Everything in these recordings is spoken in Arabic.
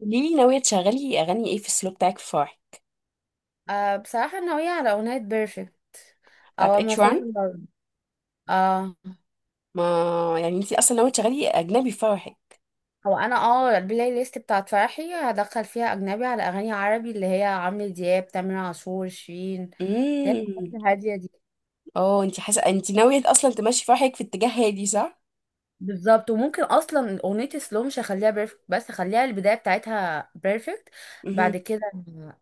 قوليلي ناوية تشغلي أغاني إيه في السلو بتاعك في فرحك؟ بصراحة ناوية على أغنية بيرفكت أو بتاعت أما اتشوان. فيلم برضه. أه. ما يعني انتي أصلا ناوية تشغلي أجنبي في فرحك؟ هو أنا البلاي ليست بتاعت فرحي هدخل فيها أجنبي على أغاني عربي، اللي هي عمرو دياب، تامر عاشور، شيرين، اللي هي الحاجات امم. الهادية دي. اه انتي حاسة انتي ناوية أصلا تمشي فرحك في اتجاه هادي صح؟ بالظبط، وممكن أصلا أغنية سلو مش هخليها بيرفكت، بس هخليها البداية بتاعتها بيرفكت. بعد امم. كده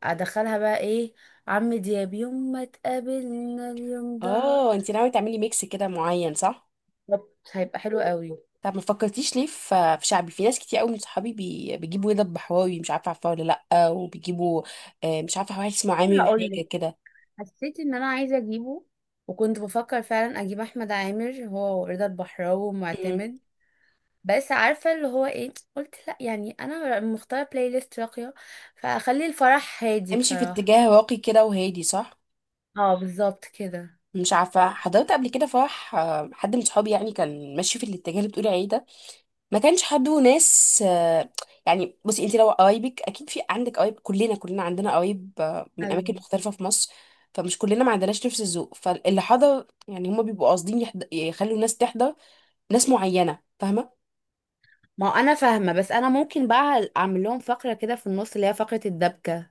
أدخلها بقى إيه، عمرو دياب يوم ما تقابلنا اليوم ده. اه انتي ناوية تعملي ميكس كده معين صح؟ بالظبط، هيبقى حلو قوي. طب ما فكرتيش ليه في شعبي في ناس كتير قوي من صحابي بيجيبوا رضا البحراوي مش عارفة عارفاه ولا؟ لأ وبيجيبوا. آه، مش عارفة واحد اسمه عامر هقولك، حاجة كده. حسيت ان انا عايزه اجيبه، وكنت بفكر فعلا اجيب احمد عامر هو ورضا البحراوي امم. ومعتمد. بس عارفه اللي هو ايه، قلت لا، يعني انا مختاره بلاي ليست راقيه فاخلي الفرح هادي امشي في بصراحه. اتجاه راقي كده وهادي صح؟ اه، بالظبط كده. مش عارفة حضرت قبل كده فرح آه، حد من صحابي يعني كان ماشي في الاتجاه اللي بتقولي عليه ده؟ ما كانش حد وناس آه، يعني بصي انت لو قرايبك اكيد في عندك قرايب كلنا كلنا عندنا قرايب آه، من اماكن ايوه. مختلفة في مصر. فمش كلنا ما عندناش نفس الذوق فاللي حضر يعني هما بيبقوا قاصدين يخلوا الناس تحضر ناس معينة فاهمة. ما هو انا فاهمه، بس انا ممكن بقى اعمل لهم فقره كده في النص، اللي هي فقره الدبكه.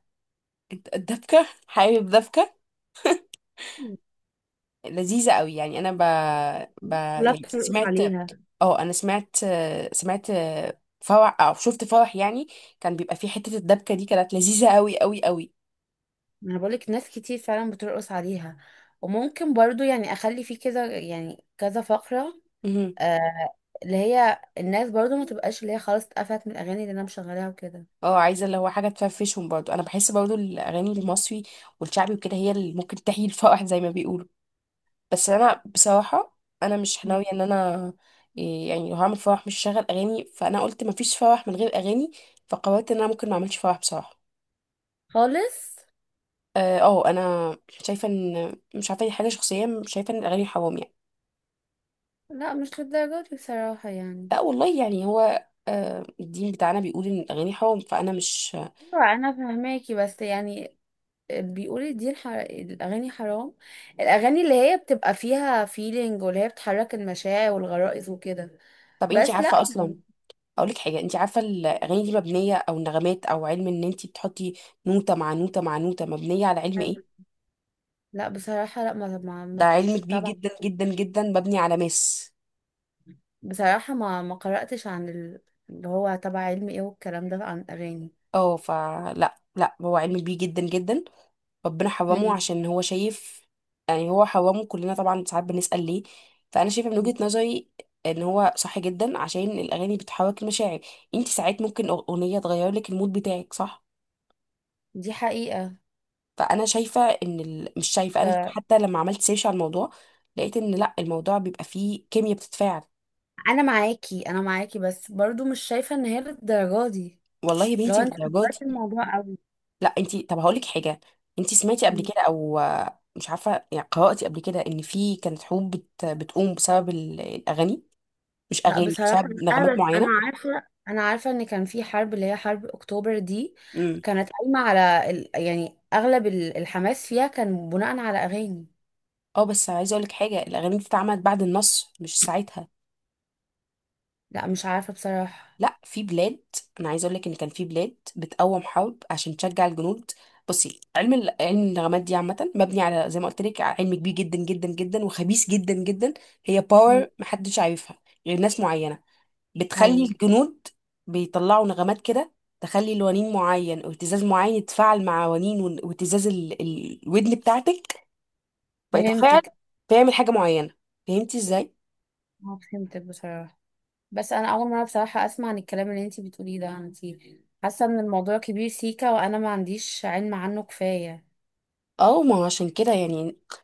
انت الدبكة حابب دبكة لذيذة قوي يعني انا ب... كلها يعني بترقص سمعت. عليها. اه انا سمعت سمعت فرح او شفت فرح يعني كان بيبقى فيه حتة الدبكة دي كانت لذيذة قوي قوي قوي. ما انا بقولك ناس كتير فعلا بترقص عليها، وممكن برضو يعني اخلي فيه كده يعني كذا فقرة. مهم. آه، اللي هي الناس برضو ما تبقاش اللي هي خلاص اتقفلت من الاغاني اللي انا مشغلاها وكده. اه عايزة اللي هو حاجة تفرفشهم برضو انا بحس برضو الاغاني المصري والشعبي وكده هي اللي ممكن تحيي الفرح زي ما بيقولوا. بس انا بصراحة انا مش ناوية ان انا إيه يعني لو هعمل فرح مش هشغل اغاني فانا قلت مفيش فرح من غير اغاني. فقررت ان انا ممكن ما اعملش فرح بصراحة. خالص. اه آه، انا شايفه ان مش عارفه دي حاجه شخصيه شايفه ان الاغاني حرام يعني. لا، مش للدرجه دي بصراحه يعني. لا والله يعني هو آه، الدين بتاعنا بيقول ان الاغاني حرام فانا مش. ايوه انا فهماكي، بس يعني بيقولوا دي الاغاني حرام، الاغاني اللي هي بتبقى فيها فيلينج واللي هي بتحرك المشاعر والغرائز وكده. طب انتي بس لا عارفه اصلا يعني. اقول لك حاجه، انتي عارفه الاغاني دي مبنيه او نغمات او علم ان انتي بتحطي نوته مع نوته مع نوته مبنيه على علم ايه؟ لا بصراحه، لا، ما ما ده ما علم مش كبير تبع. جدا جدا جدا مبني على ماس. بصراحه ما قراتش عن اللي هو تبع علم ايه والكلام ده عن الاغاني. اه فلا لا هو علم كبير جدا جدا. ربنا حرمه مم. عشان هو شايف. يعني هو حرمه كلنا طبعا ساعات بنسأل ليه. فأنا شايفة من وجهة نظري إن هو صح جدا عشان الأغاني بتحرك المشاعر. انت ساعات ممكن أغنية تغير لك المود بتاعك صح. دي حقيقه. فأنا شايفة مش شايفة أنا حتى لما عملت سيرش على الموضوع لقيت إن لأ الموضوع بيبقى فيه كيمياء بتتفاعل. انا معاكي انا معاكي، بس برضو مش شايفه ان هي للدرجه دي، والله يا لو بنتي انت للدرجات دي؟ كبرت الموضوع قوي. لأ انت طب هقولك حاجة، انت سمعتي قبل كده أو مش عارفة يعني قرأتي قبل كده إن في كانت حروب بتقوم بسبب الأغاني؟ مش لا اغاني مش بصراحه بسبب لا، نغمات بس انا معينه. عارفه، انا عارفه ان كان في حرب اللي هي حرب اكتوبر دي، امم. كانت قايمه على يعني اغلب الحماس فيها كان بناء على اغاني. اه بس عايزه اقول لك حاجه الاغاني دي اتعملت بعد النصر مش ساعتها. لا مش عارفه بصراحه. لا في بلاد. انا عايزه اقول لك ان كان في بلاد بتقوم حرب عشان تشجع الجنود. بصي علم علم النغمات دي عامه مبني على زي ما قلت لك علم كبير جدا جدا جدا وخبيث جدا جدا. هي مم. باور محدش عارفها غير ناس معينه بتخلي ايوه الجنود بيطلعوا نغمات كده تخلي لونين معين او اهتزاز معين يتفاعل مع ونين واهتزاز الودن بتاعتك فيتفاعل فهمتك. فيعمل حاجه معينه. فهمتي ازاي؟ اه فهمتك بصراحه، بس انا اول مره بصراحه اسمع عن الكلام اللي انت بتقوليه ده. انت حاسه ان الموضوع كبير سيكا وانا ما عنديش علم عنه كفايه. اه ما هو عشان كده يعني.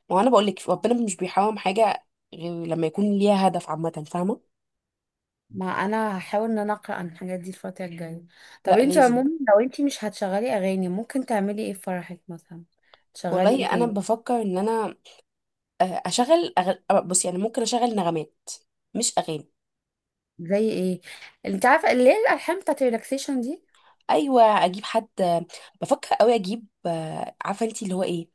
ما هو انا بقول لك ربنا مش بيحرم حاجه غير لما يكون ليها هدف عامه فاهمه. ما انا هحاول ان انا اقرا عن الحاجات دي الفتره الجايه. طب لا انت لازم. عموما لو انت مش هتشغلي اغاني ممكن تعملي ايه في فرحك مثلا؟ تشغلي ايه والله انا تاني؟ بفكر ان انا آه، اشغل آه، بص يعني ممكن اشغل نغمات مش اغاني. زي ايه؟ انت عارفه اللي هي الالحان بتاعت ريلاكسيشن دي. ايوه اجيب حد آه، بفكر قوي اجيب آه، عارفه انت اللي هو ايه،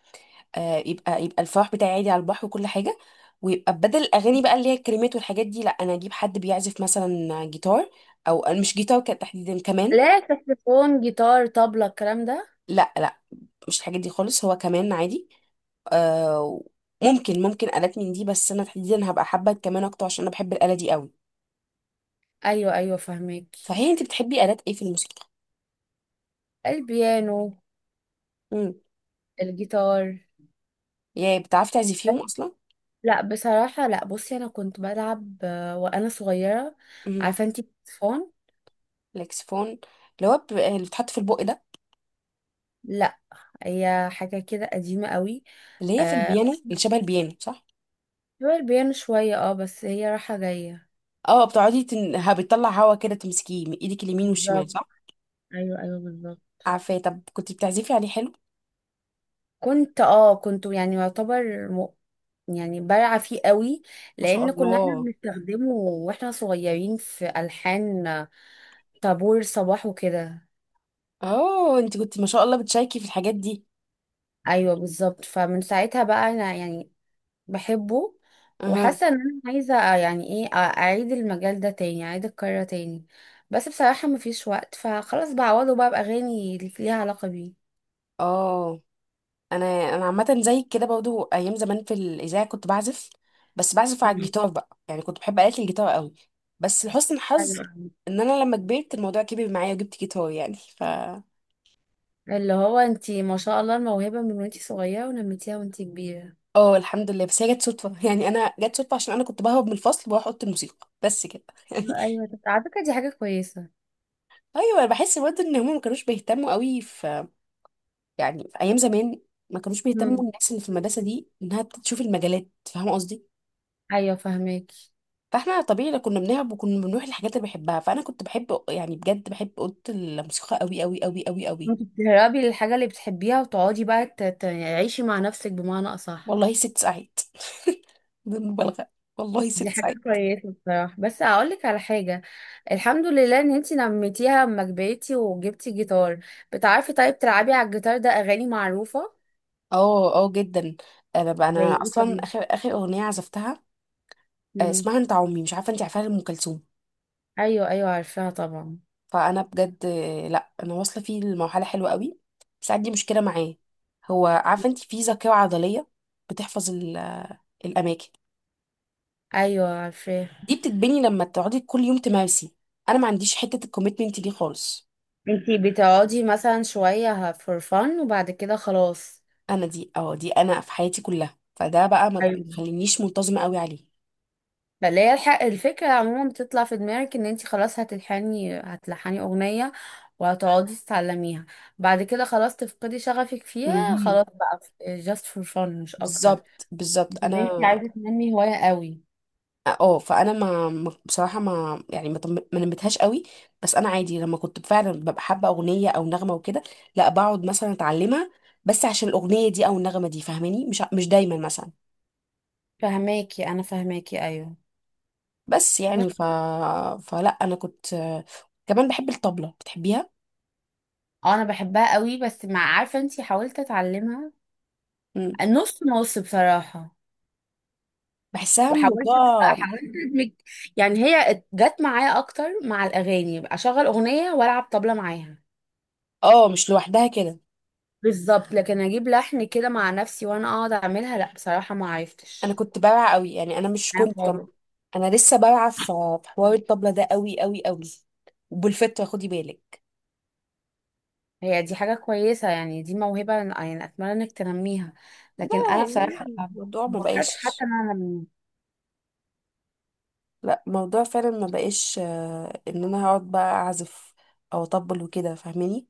آه، يبقى الفرح بتاعي عادي على البحر وكل حاجه ويبقى بدل الاغاني بقى اللي هي الكلمات والحاجات دي لا انا اجيب حد بيعزف مثلا جيتار او آه، مش جيتار كان تحديدا كمان. لا، ساكسفون، جيتار، طبلة، الكلام ده. لا لا مش الحاجات دي خالص هو كمان عادي. آه. ممكن آلات من دي بس انا تحديدا هبقى حابة الكمان اكتر عشان انا بحب الآلة دي قوي. ايوه ايوه فهمك. صحيح انت بتحبي آلات ايه في الموسيقى؟ البيانو. امم. الجيتار. يا بتعرفي تعزفيهم اصلا؟ لا بصراحه لا، بصي انا كنت بلعب وانا صغيره. امم. عارفه انت الساكسفون. الاكسفون. اللي هو اللي بتحط في البق ده. لا، هي حاجه كده قديمه قوي. اللي هي في آه، البيانو اللي شبه البيانو صح. هو البيانو شوية بس هي رايحة جاية. اه بتقعدي بتطلع هوا كده تمسكيه من ايدك اليمين والشمال بالظبط. صح. ايوه ايوه بالظبط. عارفاه طب كنت بتعزفي عليه حلو. كنت يعني يعتبر يعني بارعة فيه قوي، ما شاء لأن كنا احنا الله. بنستخدمه واحنا صغيرين في ألحان طابور صباح وكده. اه انت كنت ما شاء الله بتشاركي في الحاجات دي. أيوه بالظبط، فمن ساعتها بقى أنا يعني بحبه، اها. وحاسة إن أنا عايزة يعني إيه أعيد المجال ده تاني، أعيد الكرة تاني. بس بصراحة مفيش وقت، فخلاص بعوضه بقى بأغاني اللي ليها علاقة بيه. اه انا انا عامه زيك كده برضو ايام زمان في الاذاعه كنت بعزف بس بعزف على مم. الجيتار بقى يعني كنت بحب آلة الجيتار قوي. بس لحسن الحظ ايوه. ان انا لما كبرت الموضوع كبر معايا وجبت جيتار يعني ف. اللي هو انتي ما شاء الله الموهبة من وانتي صغيرة ونميتيها وانتي كبيرة. اه الحمد لله بس هي جت صدفه يعني انا جت صدفه عشان انا كنت بهرب من الفصل واروح اوضه الموسيقى بس كده يعني. ايوه، طب على فكرة دي حاجة كويسة. ايوه انا بحس برضه ان هم ما كانوش بيهتموا قوي في، يعني في ايام زمان ما كانوش بيهتموا مم. الناس اللي في المدرسه دي انها تشوف المجالات فاهمه قصدي. ايوه فهماكي. فاحنا طبيعي لو كنا بنلعب وكنا بنروح الحاجات اللي بحبها فانا كنت بحب يعني بجد بحب اوضه الموسيقى قوي قوي قوي قوي قوي. انت تهربي للحاجة اللي بتحبيها وتقعدي بقى تعيشي مع نفسك بمعنى أصح. والله ست ساعات. بدون مبالغه. والله دي ست حاجة ساعات. كويسة بصراحة، بس هقولك على حاجة، الحمد لله ان انتي نميتيها اما كبرتي وجبتي جيتار. بتعرفي طيب تلعبي على الجيتار ده اغاني معروفة؟ اه اه جدا. انا بقى زي انا ايه اصلا طيب؟ اخر اخر اغنيه عزفتها آه، مم. اسمها انت عمي مش عارفه انت عارفاها لام كلثوم. ايوه ايوه عارفاها طبعا. فانا بجد آه، لا انا واصله فيه لمرحله حلوه قوي بس عندي مشكله معاه. هو عارفه انت في ذاكره عضليه بتحفظ الاماكن ايوه عارفاها. دي بتتبني لما تقعدي كل يوم تمارسي. انا ما عنديش حته الكوميتمنت دي خالص. انتي بتقعدي مثلا شوية فور فن وبعد كده خلاص. انا دي اه دي انا في حياتي كلها فده بقى ما ايوه. تخلينيش منتظمه قوي عليه. فاللي هي الفكرة عموما بتطلع في دماغك ان انتي خلاص هتلحني هتلحني اغنية وهتقعدي تتعلميها، بعد كده خلاص تفقدي شغفك فيها مهم. خلاص بقى. جاست فور فن مش اكتر. بالظبط بالظبط مش ان انتي انا عايزة تنمي هواية قوي. اه آه، فانا بصراحه ما يعني ما نمتهاش قوي. بس انا عادي لما كنت فعلا ببقى حابه اغنيه او نغمه وكده لا بقعد مثلا اتعلمها بس عشان الاغنيه دي او النغمه دي فاهماني مش دايما مثلا. فهماكي انا فهماكي ايوه. بس بس يعني ف فلا انا كنت كمان بحب الطبله بتحبيها. انا بحبها قوي، بس مع عارفة انتي حاولت اتعلمها. نص نص بصراحة. بحسها وحاولت الموضوع. حاولت ادمج، يعني هي جت معايا اكتر مع الاغاني، يبقى اشغل اغنيه والعب طبله معاها. اه مش لوحدها كده. بالظبط. لكن اجيب لحن كده مع نفسي وانا اقعد اعملها، لا بصراحه ما انا عرفتش. كنت بارعة قوي يعني انا مش انا كنت خالص. انا لسه بارعة في حوار الطبلة ده قوي قوي قوي وبالفطرة خدي بالك. هي دي حاجه كويسه، يعني دي موهبه، يعني اتمنى انك تنميها. لا لكن انا يعني بصراحه الموضوع ما ما فكرتش بقاش. حتى ان انا انميها. لا الموضوع فعلا ما بقاش آه، ان انا هقعد بقى اعزف او اطبل وكده فاهماني.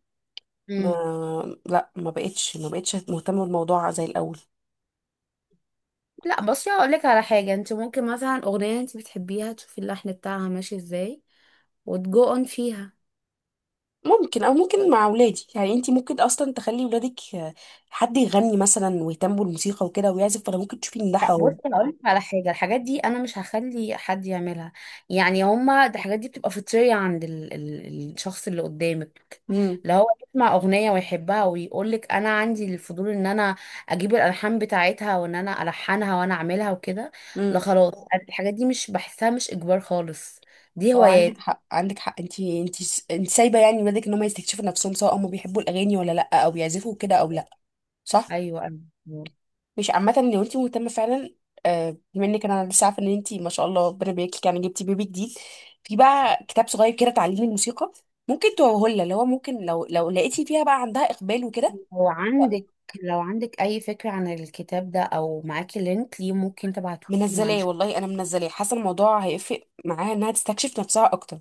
مم. ما لا ما بقتش ما بقتش مهتمة بالموضوع زي الاول. لا بصي هقول لك على حاجه، انت ممكن مثلا اغنيه انت بتحبيها تشوفي اللحن بتاعها ماشي ازاي، وتجو اون فيها. ممكن او ممكن مع اولادي يعني انت ممكن اصلا تخلي ولادك آه، حد يغني مثلا ويهتموا بالموسيقى وكده ويعزف فانا ممكن تشوفي ان ده لا بص حرام. انا اقول لك على حاجه، الحاجات دي انا مش هخلي حد يعملها، يعني هما الحاجات دي بتبقى فطريه عند ال الشخص اللي قدامك. امم. لو هو يسمع اغنيه ويحبها ويقول لك انا عندي الفضول ان انا اجيب الالحان بتاعتها وان انا الحنها وانا اعملها وكده. لا امم. خلاص، أنا الحاجات دي مش بحسها، مش اجبار خالص، دي اه عندك هوايات. حق عندك حق انت سايبه يعني ولادك ان هم يستكشفوا نفسهم سواء هم بيحبوا الاغاني ولا لا او بيعزفوا كده او لا صح. ايوه. مش عامه لو انت مهتمه فعلا آه، بما انك انا لسه عارفه ان انت ما شاء الله ربنا يبارك لك يعني جبتي بيبي جديد. في بقى كتاب صغير كده تعليم الموسيقى ممكن توهولها اللي هو ممكن لو لقيتي فيها بقى عندها اقبال وكده. لو عندك لو عندك اي فكره عن الكتاب ده او معاكي لينك ليه، ممكن تبعتهولي، ما منزلاه عنديش. والله انا منزلاه حاسه الموضوع هيفرق معاها انها تستكشف نفسها اكتر.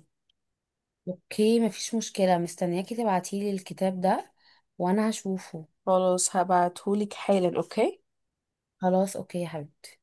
اوكي مفيش مشكلة، مستنياكي تبعتيلي الكتاب ده وانا هشوفه. خلاص هبعتهولك حالا اوكي. خلاص اوكي يا حبيبتي.